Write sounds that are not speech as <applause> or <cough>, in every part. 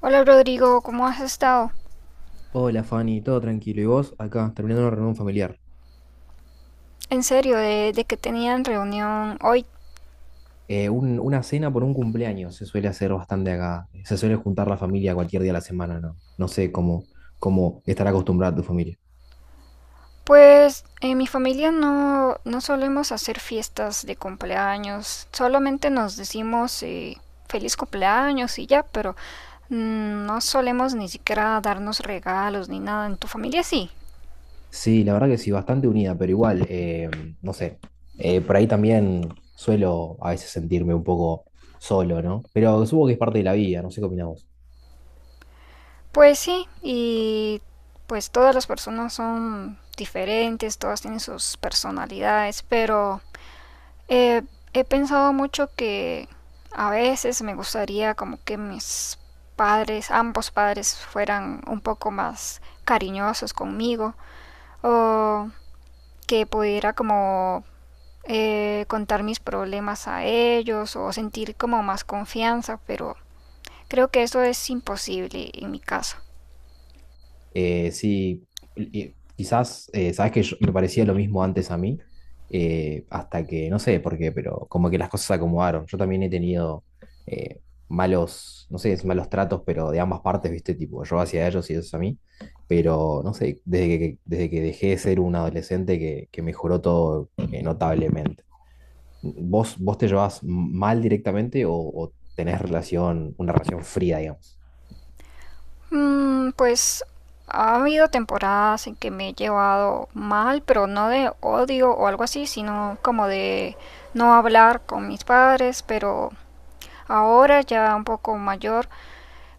Hola Rodrigo, ¿cómo has estado? Hola Fanny, todo tranquilo. ¿Y vos? Acá, terminando una reunión familiar. ¿En serio? ¿De que tenían reunión hoy? Una cena por un cumpleaños se suele hacer bastante acá. Se suele juntar la familia cualquier día de la semana, ¿no? No sé cómo estará acostumbrada tu familia. Pues en mi familia no solemos hacer fiestas de cumpleaños, solamente nos decimos feliz cumpleaños y ya, pero no solemos ni siquiera darnos regalos ni nada. ¿En tu familia sí? Sí, la verdad que sí, bastante unida, pero igual, no sé. Por ahí también suelo a veces sentirme un poco solo, ¿no? Pero supongo que es parte de la vida, no sé qué opinás vos. Pues sí, y pues todas las personas son diferentes, todas tienen sus personalidades, pero Eh, he pensado mucho que a veces me gustaría como que mis padres, ambos padres, fueran un poco más cariñosos conmigo, o que pudiera como contar mis problemas a ellos o sentir como más confianza, pero creo que eso es imposible en mi caso. Sí, y quizás, sabes que me parecía lo mismo antes a mí, hasta que, no sé por qué, pero como que las cosas se acomodaron. Yo también he tenido eh, malos, no sé, si malos tratos, pero de ambas partes, ¿viste? Tipo, yo hacia ellos y ellos a mí. Pero, no sé, desde que dejé de ser un adolescente que mejoró todo notablemente. ¿Vos te llevas mal directamente o tenés relación, una relación fría, digamos? Pues ha habido temporadas en que me he llevado mal, pero no de odio o algo así, sino como de no hablar con mis padres, pero ahora ya un poco mayor,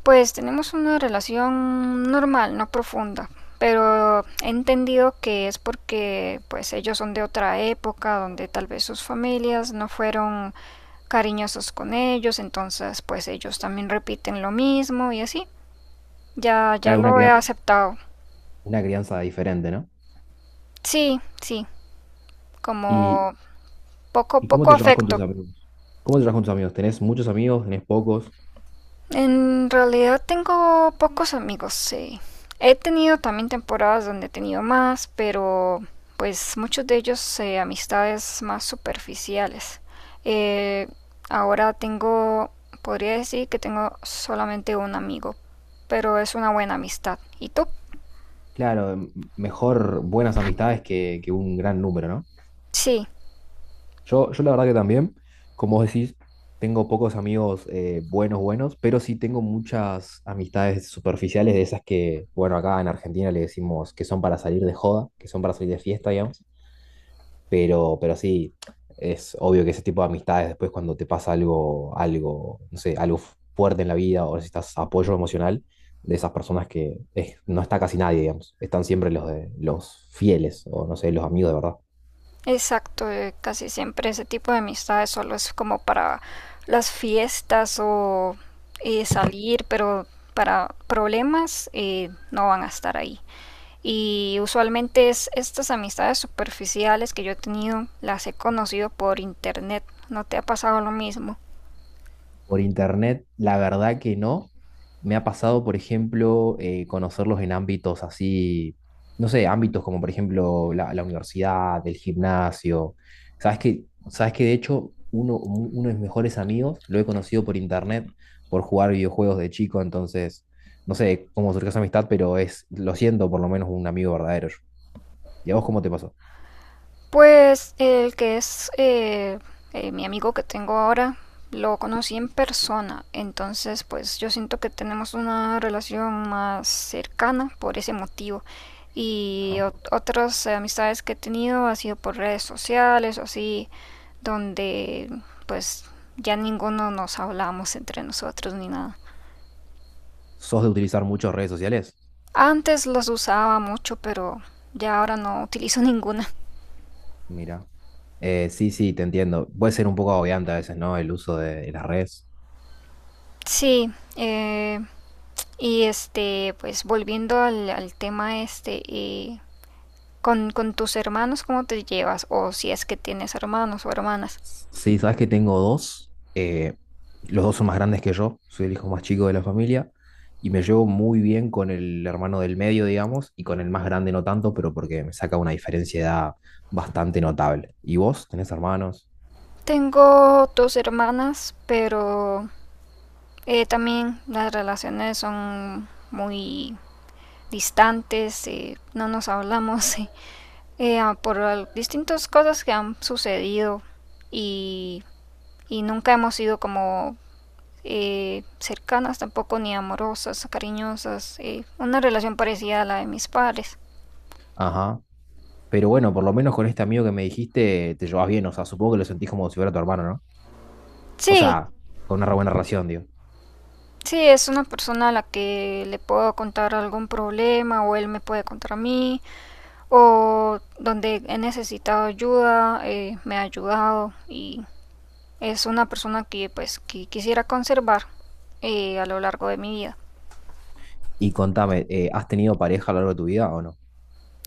pues tenemos una relación normal, no profunda, pero he entendido que es porque pues ellos son de otra época donde tal vez sus familias no fueron cariñosos con ellos, entonces pues ellos también repiten lo mismo y así. Ya, ya Claro, una lo he crianza, aceptado. una crianza diferente, ¿no? Sí, sí, Y, como poco, ¿Y cómo poco te llevas con tus afecto. amigos? ¿Cómo te llevas con tus amigos? ¿Tenés muchos amigos? ¿Tenés pocos? En realidad tengo pocos amigos, sí. He tenido también temporadas donde he tenido más, pero pues muchos de ellos amistades más superficiales. Eh, ahora podría decir que tengo solamente un amigo, pero es una buena amistad. ¿Y tú? Claro, mejor buenas amistades que un gran número, ¿no? Sí. Yo la verdad que también, como vos decís, tengo pocos amigos buenos, buenos, pero sí tengo muchas amistades superficiales de esas que, bueno, acá en Argentina le decimos que son para salir de joda, que son para salir de fiesta, digamos. Pero sí, es obvio que ese tipo de amistades después cuando te pasa algo, algo, no sé, algo fuerte en la vida o necesitas apoyo emocional de esas personas que no está casi nadie, digamos, están siempre los de los fieles o no sé, los amigos de verdad. Exacto, casi siempre ese tipo de amistades solo es como para las fiestas o salir, pero para problemas no van a estar ahí. Y usualmente es estas amistades superficiales que yo he tenido, las he conocido por internet. ¿No te ha pasado lo mismo? Por internet, la verdad que no. Me ha pasado, por ejemplo, conocerlos en ámbitos así, no sé, ámbitos como por ejemplo la universidad, el gimnasio. Sabes que de hecho uno de mis mejores amigos lo he conocido por internet, por jugar videojuegos de chico, entonces no sé cómo surgió esa amistad, pero es, lo siento, por lo menos un amigo verdadero. ¿Y a vos cómo te pasó? Pues el que es mi amigo que tengo ahora, lo conocí en persona, entonces pues yo siento que tenemos una relación más cercana por ese motivo. Y Ajá. Otras amistades que he tenido ha sido por redes sociales o así, donde pues ya ninguno nos hablamos entre nosotros ni nada. ¿Sos de utilizar muchas redes sociales? Antes las usaba mucho, pero ya ahora no utilizo <laughs> ninguna. Mira. Sí, sí, te entiendo. Puede ser un poco agobiante a veces, ¿no? El uso de, las redes. Sí, y este, pues volviendo al tema este, con tus hermanos, ¿cómo te llevas? O si es que tienes hermanos o hermanas. Sí, sabes que tengo dos. Los dos son más grandes que yo. Soy el hijo más chico de la familia. Y me llevo muy bien con el hermano del medio, digamos, y con el más grande no tanto, pero porque me saca una diferencia de edad bastante notable. ¿Y vos tenés hermanos? Tengo dos hermanas, pero también las relaciones son muy distantes, no nos hablamos <laughs> por distintas cosas que han sucedido y, y nunca hemos sido como cercanas, tampoco ni amorosas, cariñosas, una relación parecida a la de mis padres. Ajá. Pero bueno, por lo menos con este amigo que me dijiste, te llevas bien. O sea, supongo que lo sentís como si fuera tu hermano, ¿no? O Sí, sea, con una re buena relación, digo. sí, es una persona a la que le puedo contar algún problema o él me puede contar a mí, o donde he necesitado ayuda, me ha ayudado, y es una persona que pues que quisiera conservar a lo largo de mi vida. Y contame, ¿has tenido pareja a lo largo de tu vida o no?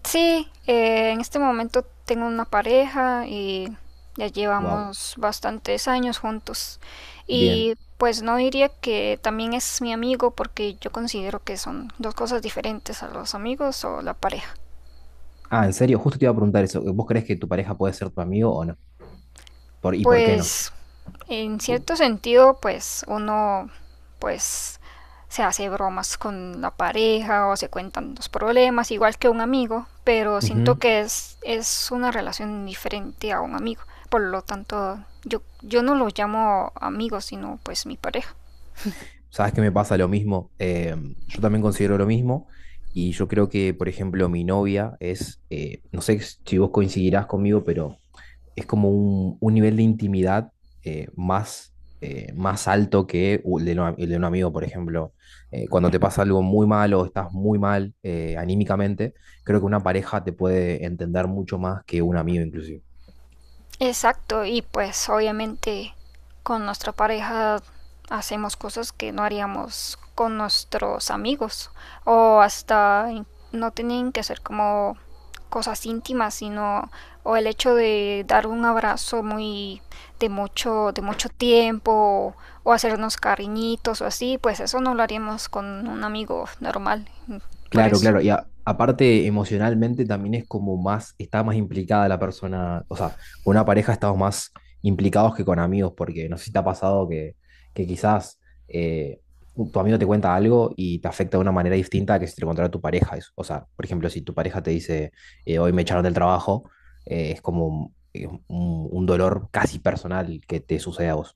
Sí, en este momento tengo una pareja y ya Wow, llevamos bastantes años juntos. bien. Y pues no diría que también es mi amigo porque yo considero que son dos cosas diferentes a los amigos o la pareja. Ah, en serio, justo te iba a preguntar eso. ¿Vos crees que tu pareja puede ser tu amigo o no? ¿Por, y por qué no? Pues en cierto sentido, pues uno pues se hace bromas con la pareja o se cuentan los problemas, igual que un amigo, pero siento Ujú. que es una relación diferente a un amigo. Por lo tanto, yo no los llamo amigos sino pues mi pareja. ¿Sabes que me pasa lo mismo? Em, yo también considero lo mismo y yo creo que, por ejemplo, mi novia es, no sé si vos coincidirás conmigo, pero es como un nivel de intimidad eh, más, más alto que el de un amigo, por ejemplo. Cuando te pasa algo muy mal o estás muy mal anímicamente, creo que una pareja te puede entender mucho más que un amigo inclusive. Exacto, y pues obviamente con nuestra pareja hacemos cosas que no haríamos con nuestros amigos, o hasta no tienen que ser como cosas íntimas, sino o el hecho de dar un abrazo muy de mucho tiempo, o hacernos cariñitos o así, pues eso no lo haríamos con un amigo normal, por Claro, eso. claro. Y aparte, emocionalmente también es como más, está más implicada la persona. O sea, con una pareja estamos más implicados que con amigos, porque no sé si te ha pasado que quizás eh, tu amigo te cuenta algo y te afecta de una manera distinta a que si te lo contara tu pareja. O sea, por ejemplo, si tu pareja te dice, hoy me echaron del trabajo, es como un, un dolor casi personal que te sucede a vos.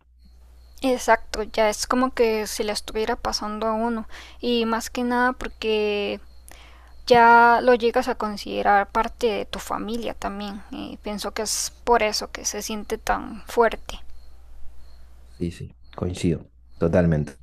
Exacto, ya es como que se le estuviera pasando a uno, y más que nada porque ya lo llegas a considerar parte de tu familia también, y pienso que es por eso que se siente tan fuerte. Sí, sí, coincido, totalmente.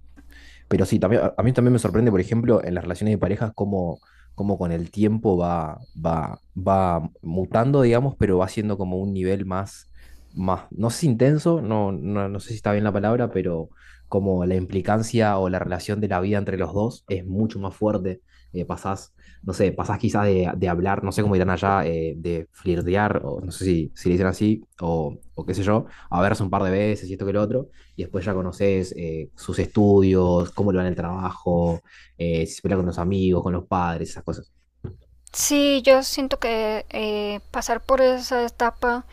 Pero sí, también, a mí también me sorprende, por ejemplo, en las relaciones de pareja, cómo, cómo con el tiempo va mutando, digamos, pero va siendo como un nivel más, más, no sé si intenso, no, no, no sé si está bien la palabra, pero como la implicancia o la relación de la vida entre los dos es mucho más fuerte. Eh, pasás, no sé, pasás quizás de hablar, no sé cómo dirán allá, de flirtear, o no sé si, si le dicen así, o qué sé yo, a verse un par de veces y esto que lo otro y después ya conoces sus estudios, cómo le va en el trabajo, si se pelea con los amigos, con los padres, esas cosas. Sí, yo siento que pasar por esa etapa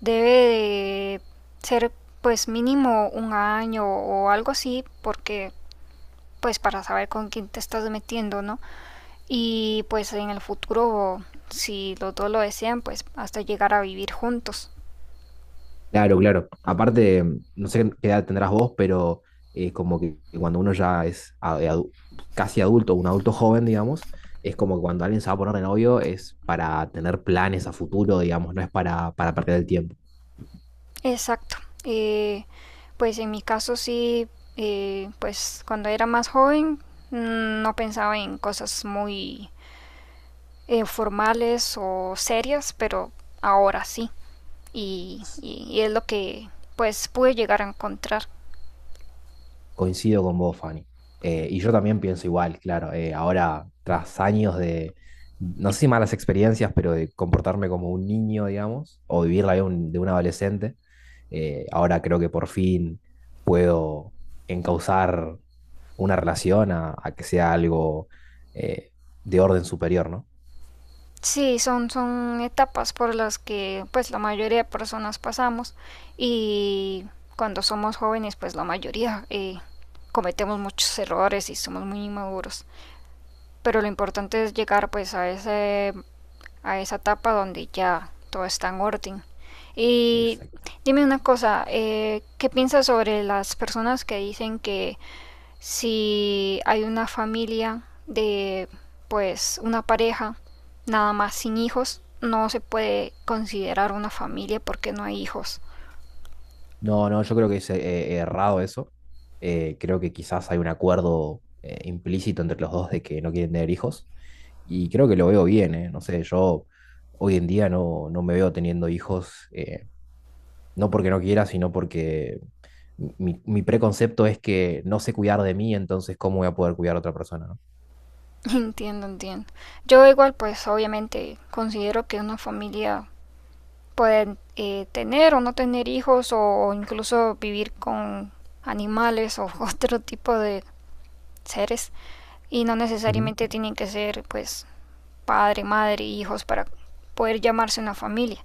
debe de ser pues mínimo un año o algo así, porque pues para saber con quién te estás metiendo, ¿no? Y pues en el futuro, si los dos lo desean, pues hasta llegar a vivir juntos. Claro, claro. Aparte, mm, no sé qué edad tendrás vos, pero como que cuando uno ya es casi adulto, un adulto joven, digamos, es como que cuando alguien se va a poner de novio es para tener planes a futuro, digamos, no es para perder el tiempo. Exacto. Eh, pues en mi caso sí, pues cuando era más joven no pensaba en cosas muy formales o serias, pero ahora sí. Y es lo que pues pude llegar a encontrar. Coincido con vos, Fanny. Y yo también pienso igual, claro. Ahora, tras años de, no sé si malas experiencias, pero de comportarme como un niño, digamos, o vivir la vida de un adolescente, ahora creo que por fin puedo encauzar una relación a que sea algo eh, de orden superior, ¿no? Sí, son, son etapas por las que pues la mayoría de personas pasamos, y cuando somos jóvenes pues la mayoría cometemos muchos errores y somos muy inmaduros. Pero lo importante es llegar pues a esa etapa donde ya todo está en orden. Y Exacto. dime una cosa, ¿qué piensas sobre las personas que dicen que si hay una familia de pues una pareja nada más sin hijos no se puede considerar una familia porque no hay hijos? No, no, yo creo que es errado eso. Creo que quizás hay un acuerdo implícito entre los dos de que no quieren tener hijos. Y creo que lo veo bien, ¿eh? No sé, yo hoy en día no, no me veo teniendo hijos, no porque no quiera, sino porque mi preconcepto es que no sé cuidar de mí, entonces ¿cómo voy a poder cuidar a otra persona, no? <laughs> Entiendo, entiendo. Yo igual pues obviamente considero que una familia puede tener o no tener hijos o incluso vivir con animales o <laughs> otro tipo de seres, y no Ujú. necesariamente tienen que ser pues padre, madre, hijos para poder llamarse una familia.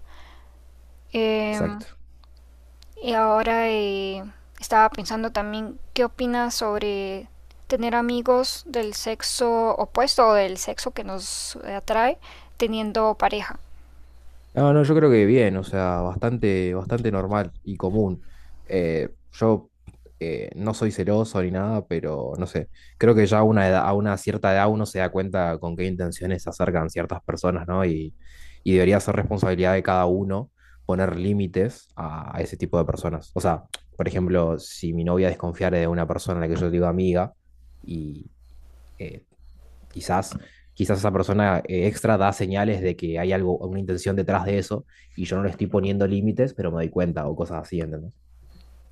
Eh, Exacto. Y ahora estaba pensando también, ¿qué opinas sobre tener amigos del sexo opuesto o del sexo que nos atrae teniendo pareja? No, no, yo creo que bien, o sea, bastante, bastante normal y común. Yo no soy celoso ni nada, pero no sé, creo que ya a una edad, a una cierta edad uno se da cuenta con qué intenciones se acercan ciertas personas, ¿no? Y debería ser responsabilidad de cada uno poner límites a ese tipo de personas. O sea, por ejemplo, si mi novia desconfiara de una persona a la que yo digo amiga y eh, Quizás, quizás esa persona extra da señales de que hay algo, una intención detrás de eso y yo no le estoy poniendo límites, pero me doy cuenta o cosas así, ¿entendés?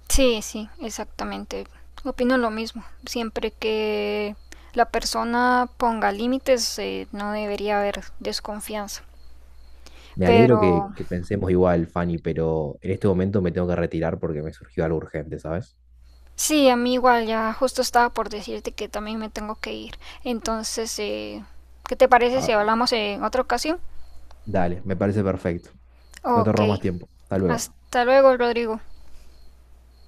Sí, sí, exactamente. Opino lo mismo. Siempre que la persona ponga límites, no debería haber desconfianza. Me alegro que, Pero que pensemos igual, Fanny, pero en este momento me tengo que retirar porque me surgió algo urgente, ¿sabes? sí, a mí igual ya justo estaba por decirte que también me tengo que ir. Entonces, ¿qué te parece si Ah, hablamos en otra ocasión? dale, me parece perfecto. No te Ok. robo más tiempo. Hasta luego. Hasta luego, Rodrigo.